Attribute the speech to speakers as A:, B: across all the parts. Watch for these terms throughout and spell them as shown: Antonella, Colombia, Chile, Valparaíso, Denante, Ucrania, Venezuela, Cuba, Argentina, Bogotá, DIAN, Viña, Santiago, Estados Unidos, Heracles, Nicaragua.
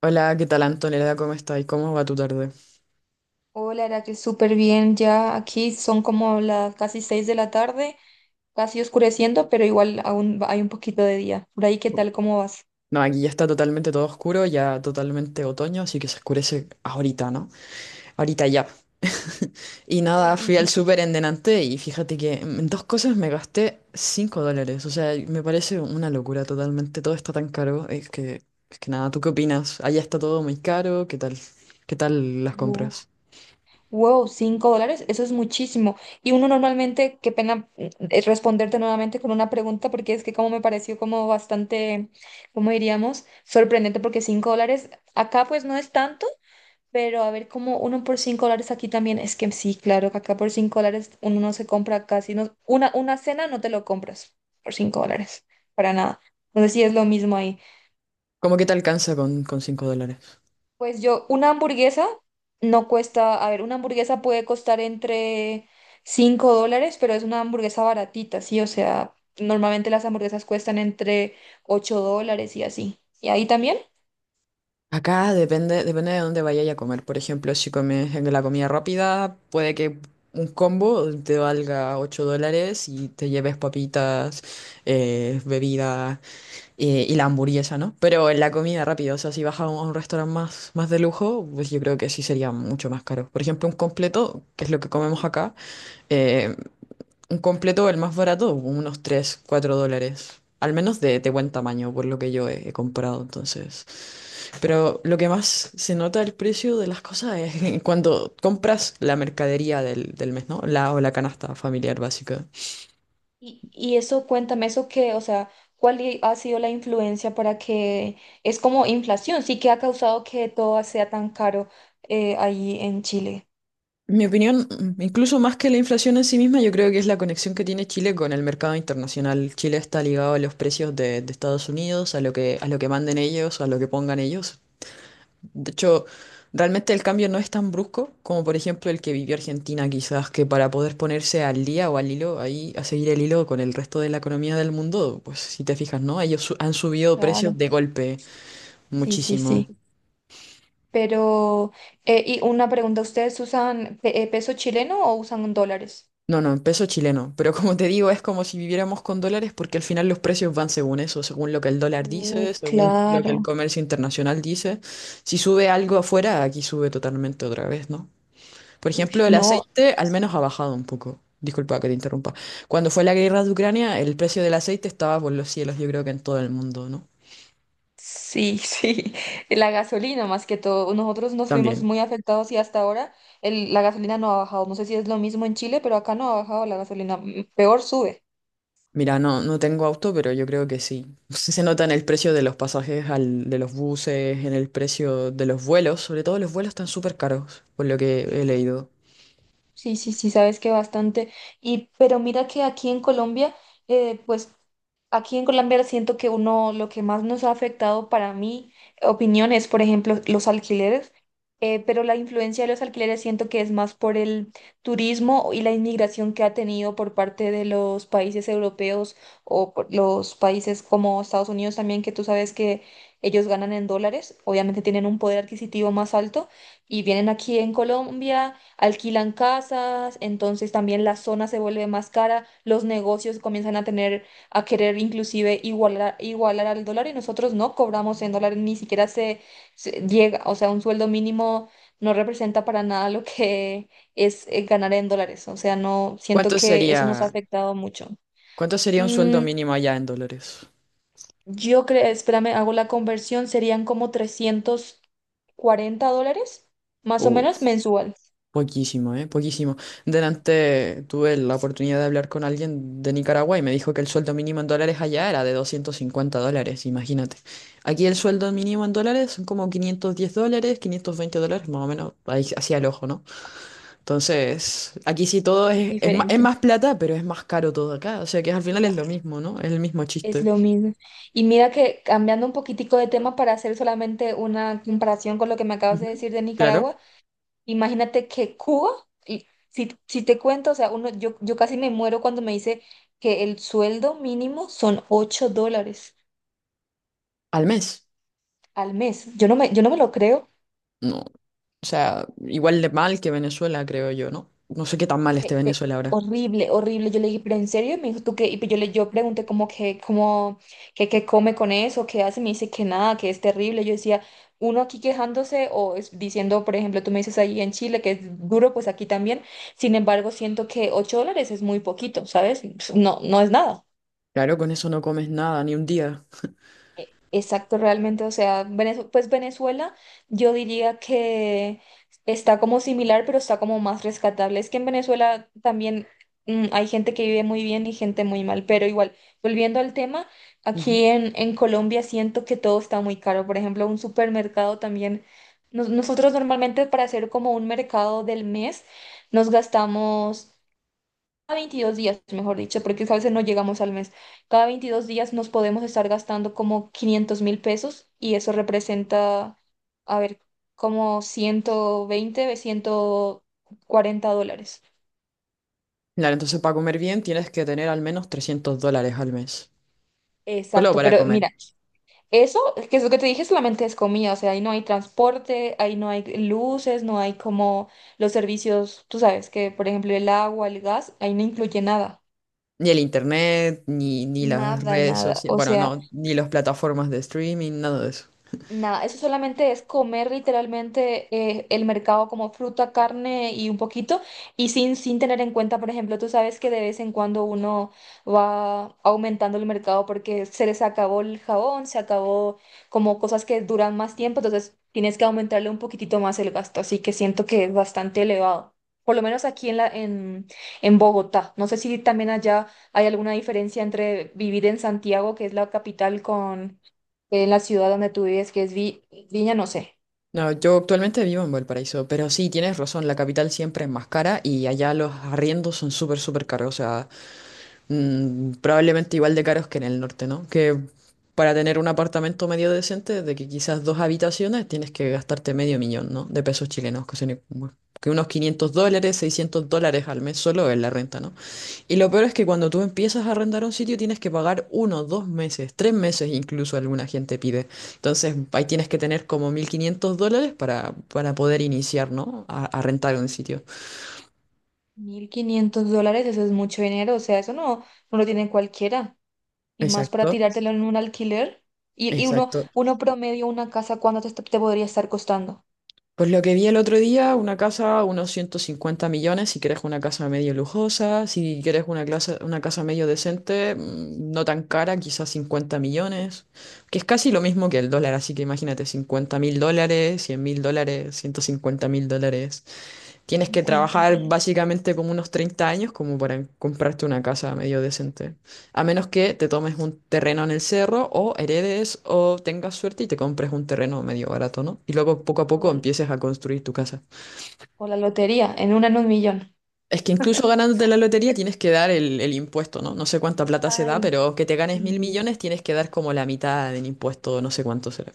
A: Hola, ¿qué tal, Antonella? ¿Cómo estás? ¿Cómo va tu tarde?
B: Hola, Heracles, súper bien. Ya aquí son como las casi 6 de la tarde, casi oscureciendo, pero igual hay un poquito de día. Por ahí, ¿qué tal? ¿Cómo vas?
A: No, aquí ya está totalmente todo oscuro, ya totalmente otoño, así que se oscurece ahorita, ¿no? Ahorita ya. Y
B: Uy,
A: nada, fui al súper en Denante y fíjate que en dos cosas me gasté $5. O sea, me parece una locura totalmente. Todo está tan caro. Es que nada, ¿tú qué opinas? Allá está todo muy caro. ¿Qué tal? ¿Qué tal las
B: wo-
A: compras?
B: wow, $5, eso es muchísimo. Y uno normalmente, qué pena, responderte nuevamente con una pregunta, porque es que como me pareció como bastante, ¿cómo diríamos? Sorprendente, porque $5 acá pues no es tanto. Pero a ver, como uno por $5 aquí también, es que sí, claro, que acá por $5 uno no se compra casi, no, una cena no te lo compras por $5, para nada. Entonces sí es lo mismo ahí.
A: ¿Cómo que te alcanza con $5?
B: Pues yo, una hamburguesa no cuesta, a ver, una hamburguesa puede costar entre $5, pero es una hamburguesa baratita, sí, o sea, normalmente las hamburguesas cuestan entre $8 y así. ¿Y ahí también?
A: Acá depende, depende de dónde vayas a comer. Por ejemplo, si comes en la comida rápida, puede que un combo te valga $8 y te lleves papitas, bebida, y la hamburguesa, ¿no? Pero en la comida rápida, o sea, si vas a un restaurante más de lujo, pues yo creo que sí sería mucho más caro. Por ejemplo, un completo, que es lo que comemos acá, eh, un completo, el más barato, unos $3 $4. Al menos de buen tamaño, por lo que yo he comprado, entonces. Pero lo que más se nota el precio de las cosas es cuando compras la mercadería del mes, ¿no? O la canasta familiar básica.
B: Y eso, cuéntame eso que, o sea, ha sido la influencia para que es como inflación, sí que ha causado que todo sea tan caro, ahí en Chile?
A: Mi opinión, incluso más que la inflación en sí misma, yo creo que es la conexión que tiene Chile con el mercado internacional. Chile está ligado a los precios de Estados Unidos, a lo que manden ellos, a lo que pongan ellos. De hecho, realmente el cambio no es tan brusco como por ejemplo el que vivió Argentina, quizás que para poder ponerse al día o al hilo, ahí a seguir el hilo con el resto de la economía del mundo, pues si te fijas, ¿no? Ellos han subido
B: Claro,
A: precios de golpe
B: sí, sí,
A: muchísimo.
B: sí. Pero, y una pregunta, ¿ustedes usan peso chileno o usan dólares?
A: No, no, en peso chileno, pero como te digo, es como si viviéramos con dólares porque al final los precios van según eso, según lo que el dólar dice, según lo que el
B: Claro.
A: comercio internacional dice. Si sube algo afuera, aquí sube totalmente otra vez, ¿no? Por
B: Uy,
A: ejemplo, el
B: no.
A: aceite al menos ha bajado un poco. Disculpa que te interrumpa. Cuando fue la guerra de Ucrania, el precio del aceite estaba por los cielos, yo creo que en todo el mundo, ¿no?
B: Sí, sí, la gasolina más que todo. Nosotros nos vimos
A: También.
B: muy afectados y hasta ahora la gasolina no ha bajado. No sé si es lo mismo en Chile, pero acá no ha bajado la gasolina. Peor sube.
A: Mira, no, no tengo auto, pero yo creo que sí. Se nota en el precio de los pasajes, de los buses, en el precio de los vuelos. Sobre todo los vuelos están súper caros, por lo que he
B: Sí,
A: leído.
B: sí, sí, sí, sabes que bastante. Y, pero mira que aquí en Colombia, pues, aquí en Colombia siento que uno, lo que más nos ha afectado para mi opinión es, por ejemplo, los alquileres, pero la influencia de los alquileres siento que es más por el turismo y la inmigración que ha tenido por parte de los países europeos o por los países como Estados Unidos también, que tú sabes que ellos ganan en dólares, obviamente tienen un poder adquisitivo más alto y vienen aquí en Colombia, alquilan casas, entonces también la zona se vuelve más cara, los negocios comienzan a tener a querer inclusive igualar, igualar al dólar, y nosotros no cobramos en dólares, ni siquiera se llega, o sea, un sueldo mínimo no representa para nada lo que es ganar en dólares, o sea, no, siento
A: ¿Cuánto
B: que eso nos ha
A: sería,
B: afectado mucho.
A: cuánto sería un sueldo
B: Mm,
A: mínimo allá en dólares?
B: yo creo, espérame, hago la conversión, serían como $340, más o menos mensual.
A: Poquísimo, ¿eh? Poquísimo. Delante tuve la oportunidad de hablar con alguien de Nicaragua y me dijo que el sueldo mínimo en dólares allá era de $250, imagínate. Aquí el sueldo mínimo en dólares son como $510, $520, más o menos, ahí hacia el ojo, ¿no? Entonces, aquí sí todo
B: Es
A: es, es más, es
B: diferente.
A: más plata, pero es más caro todo acá. O sea que al final es lo mismo, ¿no? Es el mismo
B: Es
A: chiste.
B: lo mismo. Y mira que cambiando un poquitico de tema para hacer solamente una comparación con lo que me acabas de
A: Ujú.
B: decir de
A: Claro.
B: Nicaragua, imagínate que Cuba, y si te cuento, o sea, uno, yo casi me muero cuando me dice que el sueldo mínimo son $8
A: Al mes.
B: al mes. Yo no me lo creo.
A: No. O sea, igual de mal que Venezuela, creo yo, ¿no? No sé qué tan mal esté
B: Pe- pe-
A: Venezuela ahora.
B: Horrible, horrible. Yo le dije, pero en serio, me dijo, ¿tú qué? Y pues yo pregunté como, que, qué come con eso, qué hace, me dice que nada, que es terrible. Yo decía, uno aquí quejándose o diciendo, por ejemplo, tú me dices ahí en Chile que es duro, pues aquí también. Sin embargo, siento que $8 es muy poquito, ¿sabes? Pues no, no es nada.
A: Claro, con eso no comes nada, ni un día.
B: Exacto, realmente, o sea, pues Venezuela yo diría que está como similar, pero está como más rescatable. Es que en Venezuela también hay gente que vive muy bien y gente muy mal, pero igual, volviendo al tema,
A: Ujú.
B: aquí en Colombia siento que todo está muy caro. Por ejemplo, un supermercado también, nosotros normalmente para hacer como un mercado del mes nos gastamos 22 días, mejor dicho, porque a veces no llegamos al mes. Cada 22 días nos podemos estar gastando como 500.000 pesos, y eso representa, a ver, como 120, $140.
A: Claro, entonces para comer bien tienes que tener al menos $300 al mes. Solo
B: Exacto,
A: para
B: pero
A: comer.
B: mira, eso, que es lo que te dije, solamente es comida, o sea, ahí no hay transporte, ahí no hay luces, no hay como los servicios, tú sabes que, por ejemplo, el agua, el gas, ahí no incluye nada,
A: Ni el internet, ni las
B: nada,
A: redes
B: nada,
A: sociales,
B: o
A: bueno,
B: sea...
A: no, ni las plataformas de streaming, nada de eso.
B: Nada, eso solamente es comer literalmente, el mercado como fruta, carne y un poquito, y sin tener en cuenta, por ejemplo, tú sabes que de vez en cuando uno va aumentando el mercado porque se les acabó el jabón, se acabó como cosas que duran más tiempo, entonces tienes que aumentarle un poquitito más el gasto, así que siento que es bastante elevado, por lo menos aquí en la, en Bogotá. No sé si también allá hay alguna diferencia entre vivir en Santiago, que es la capital, con en la ciudad donde tú vives, que es Viña, no sé.
A: No, yo actualmente vivo en Valparaíso, pero sí, tienes razón, la capital siempre es más cara y allá los arriendos son súper, súper caros. O sea, probablemente igual de caros que en el norte, ¿no? Que para tener un apartamento medio decente, de que quizás dos habitaciones, tienes que gastarte medio millón, ¿no? De pesos chilenos, que unos $500, $600 al mes solo en la renta, ¿no? Y lo peor es que cuando tú empiezas a arrendar un sitio tienes que pagar uno, 2 meses, 3 meses incluso alguna gente pide. Entonces ahí tienes que tener como $1,500 para poder iniciar, ¿no? A rentar un sitio.
B: $1.500, eso es mucho dinero, o sea, eso no, no lo tienen cualquiera, y más para
A: Exacto,
B: tirártelo en un alquiler, y uno,
A: exacto.
B: uno promedio una casa, ¿cuánto te podría estar costando?
A: Pues lo que vi el otro día, una casa, unos 150 millones, si quieres una casa medio lujosa, si quieres una casa medio decente, no tan cara, quizás 50 millones, que es casi lo mismo que el dólar, así que imagínate $50,000, $100,000, $150,000. Tienes que
B: cincuenta
A: trabajar
B: mil.
A: básicamente como unos 30 años como para comprarte una casa medio decente. A menos que te tomes un terreno en el cerro o heredes o tengas suerte y te compres un terreno medio barato, ¿no? Y luego poco a
B: O
A: poco
B: la,
A: empieces a construir tu casa.
B: o la lotería, en un millón.
A: Es que incluso ganándote la lotería tienes que dar el impuesto, ¿no? No sé cuánta plata se da,
B: Ay,
A: pero que te ganes mil
B: sí.
A: millones tienes que dar como la mitad del impuesto, no sé cuánto será.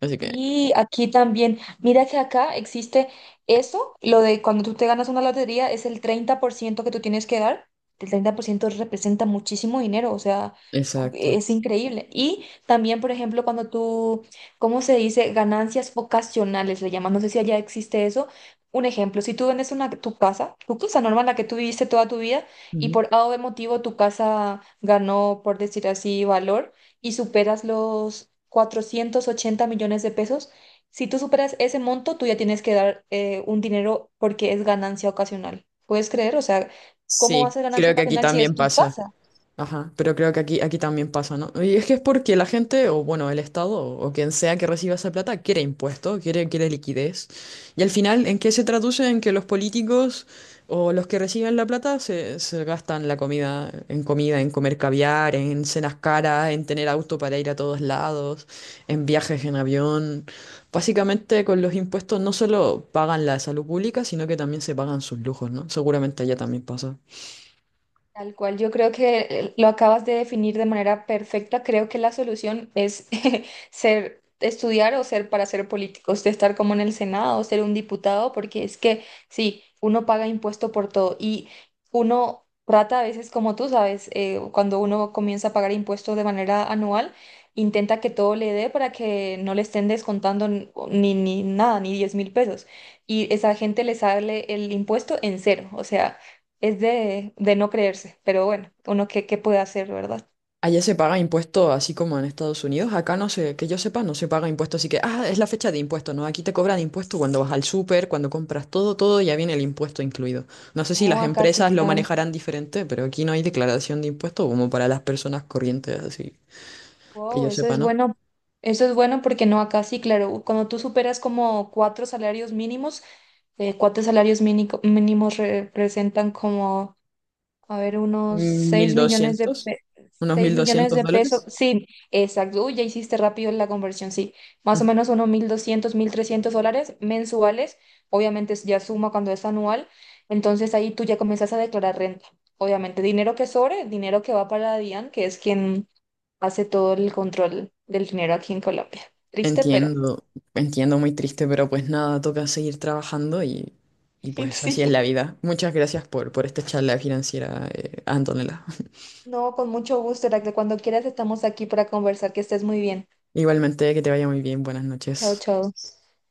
A: Así que,
B: Y aquí también, mira que acá existe eso, lo de cuando tú te ganas una lotería es el 30% que tú tienes que dar. El 30% representa muchísimo dinero, o sea,
A: exacto.
B: es increíble. Y también, por ejemplo, cuando tú, ¿cómo se dice? Ganancias ocasionales, le llaman, no sé si allá existe eso. Un ejemplo, si tú vendes tu casa normal, la que tú viviste toda tu vida, y
A: Ujú.
B: por A o B motivo tu casa ganó, por decir así, valor y superas los 480 millones de pesos. Si tú superas ese monto, tú ya tienes que dar un dinero porque es ganancia ocasional. ¿Puedes creer? O sea, ¿cómo va a
A: Sí,
B: ser ganancia
A: creo que aquí
B: ocasional si es
A: también
B: tu
A: pasa.
B: casa?
A: Ajá, pero creo que aquí también pasa, ¿no? Y es que es porque la gente, o bueno, el Estado, o quien sea que reciba esa plata, quiere impuesto, quiere liquidez. Y al final, ¿en qué se traduce? En que los políticos o los que reciben la plata se gastan la comida en comida, en comer caviar, en cenas caras, en tener auto para ir a todos lados, en viajes en avión. Básicamente, con los impuestos no solo pagan la salud pública, sino que también se pagan sus lujos, ¿no? Seguramente allá también pasa.
B: Tal cual, yo creo que lo acabas de definir de manera perfecta. Creo que la solución es ser, estudiar o ser para ser políticos, de estar como en el Senado o ser un diputado, porque es que sí, uno paga impuesto por todo, y uno trata a veces, como tú sabes, cuando uno comienza a pagar impuestos de manera anual, intenta que todo le dé para que no le estén descontando ni nada, ni 10.000 pesos. Y esa gente le sale el impuesto en cero, o sea es de no creerse, pero bueno, uno qué puede hacer, ¿verdad?
A: Allá se paga impuesto así como en Estados Unidos. Acá no sé, que yo sepa, no se paga impuesto. Así que, ah, es la fecha de impuesto, ¿no? Aquí te cobran impuesto cuando vas al súper, cuando compras todo, todo, ya viene el impuesto incluido. No sé si las
B: No, acá sí,
A: Empresas lo
B: claro.
A: manejarán diferente, pero aquí no hay declaración de impuesto como para las personas corrientes, así que
B: Wow,
A: yo
B: eso
A: sepa,
B: es
A: ¿no?
B: bueno. Eso es bueno porque no, acá sí, claro. Cuando tú superas como cuatro salarios mínimos, cuatro salarios mínimos representan como, a ver, unos
A: Mil
B: 6 millones
A: doscientos, Unos
B: seis
A: mil
B: millones
A: doscientos
B: de pesos.
A: dólares.
B: Sí, exacto. Uy, ya hiciste rápido la conversión, sí. Más o menos unos 1.200, $1.300 mensuales. Obviamente ya suma cuando es anual. Entonces ahí tú ya comienzas a declarar renta. Obviamente, dinero que sobre, dinero que va para DIAN, que es quien hace todo el control del dinero aquí en Colombia. Triste, pero
A: Entiendo, entiendo, muy triste, pero pues nada, toca seguir trabajando y pues así es
B: sí.
A: la vida. Muchas gracias por esta charla financiera, Antonella.
B: No, con mucho gusto, Heracles. Cuando quieras estamos aquí para conversar. Que estés muy bien.
A: Igualmente, que te vaya muy bien, buenas
B: Chao,
A: noches.
B: chao.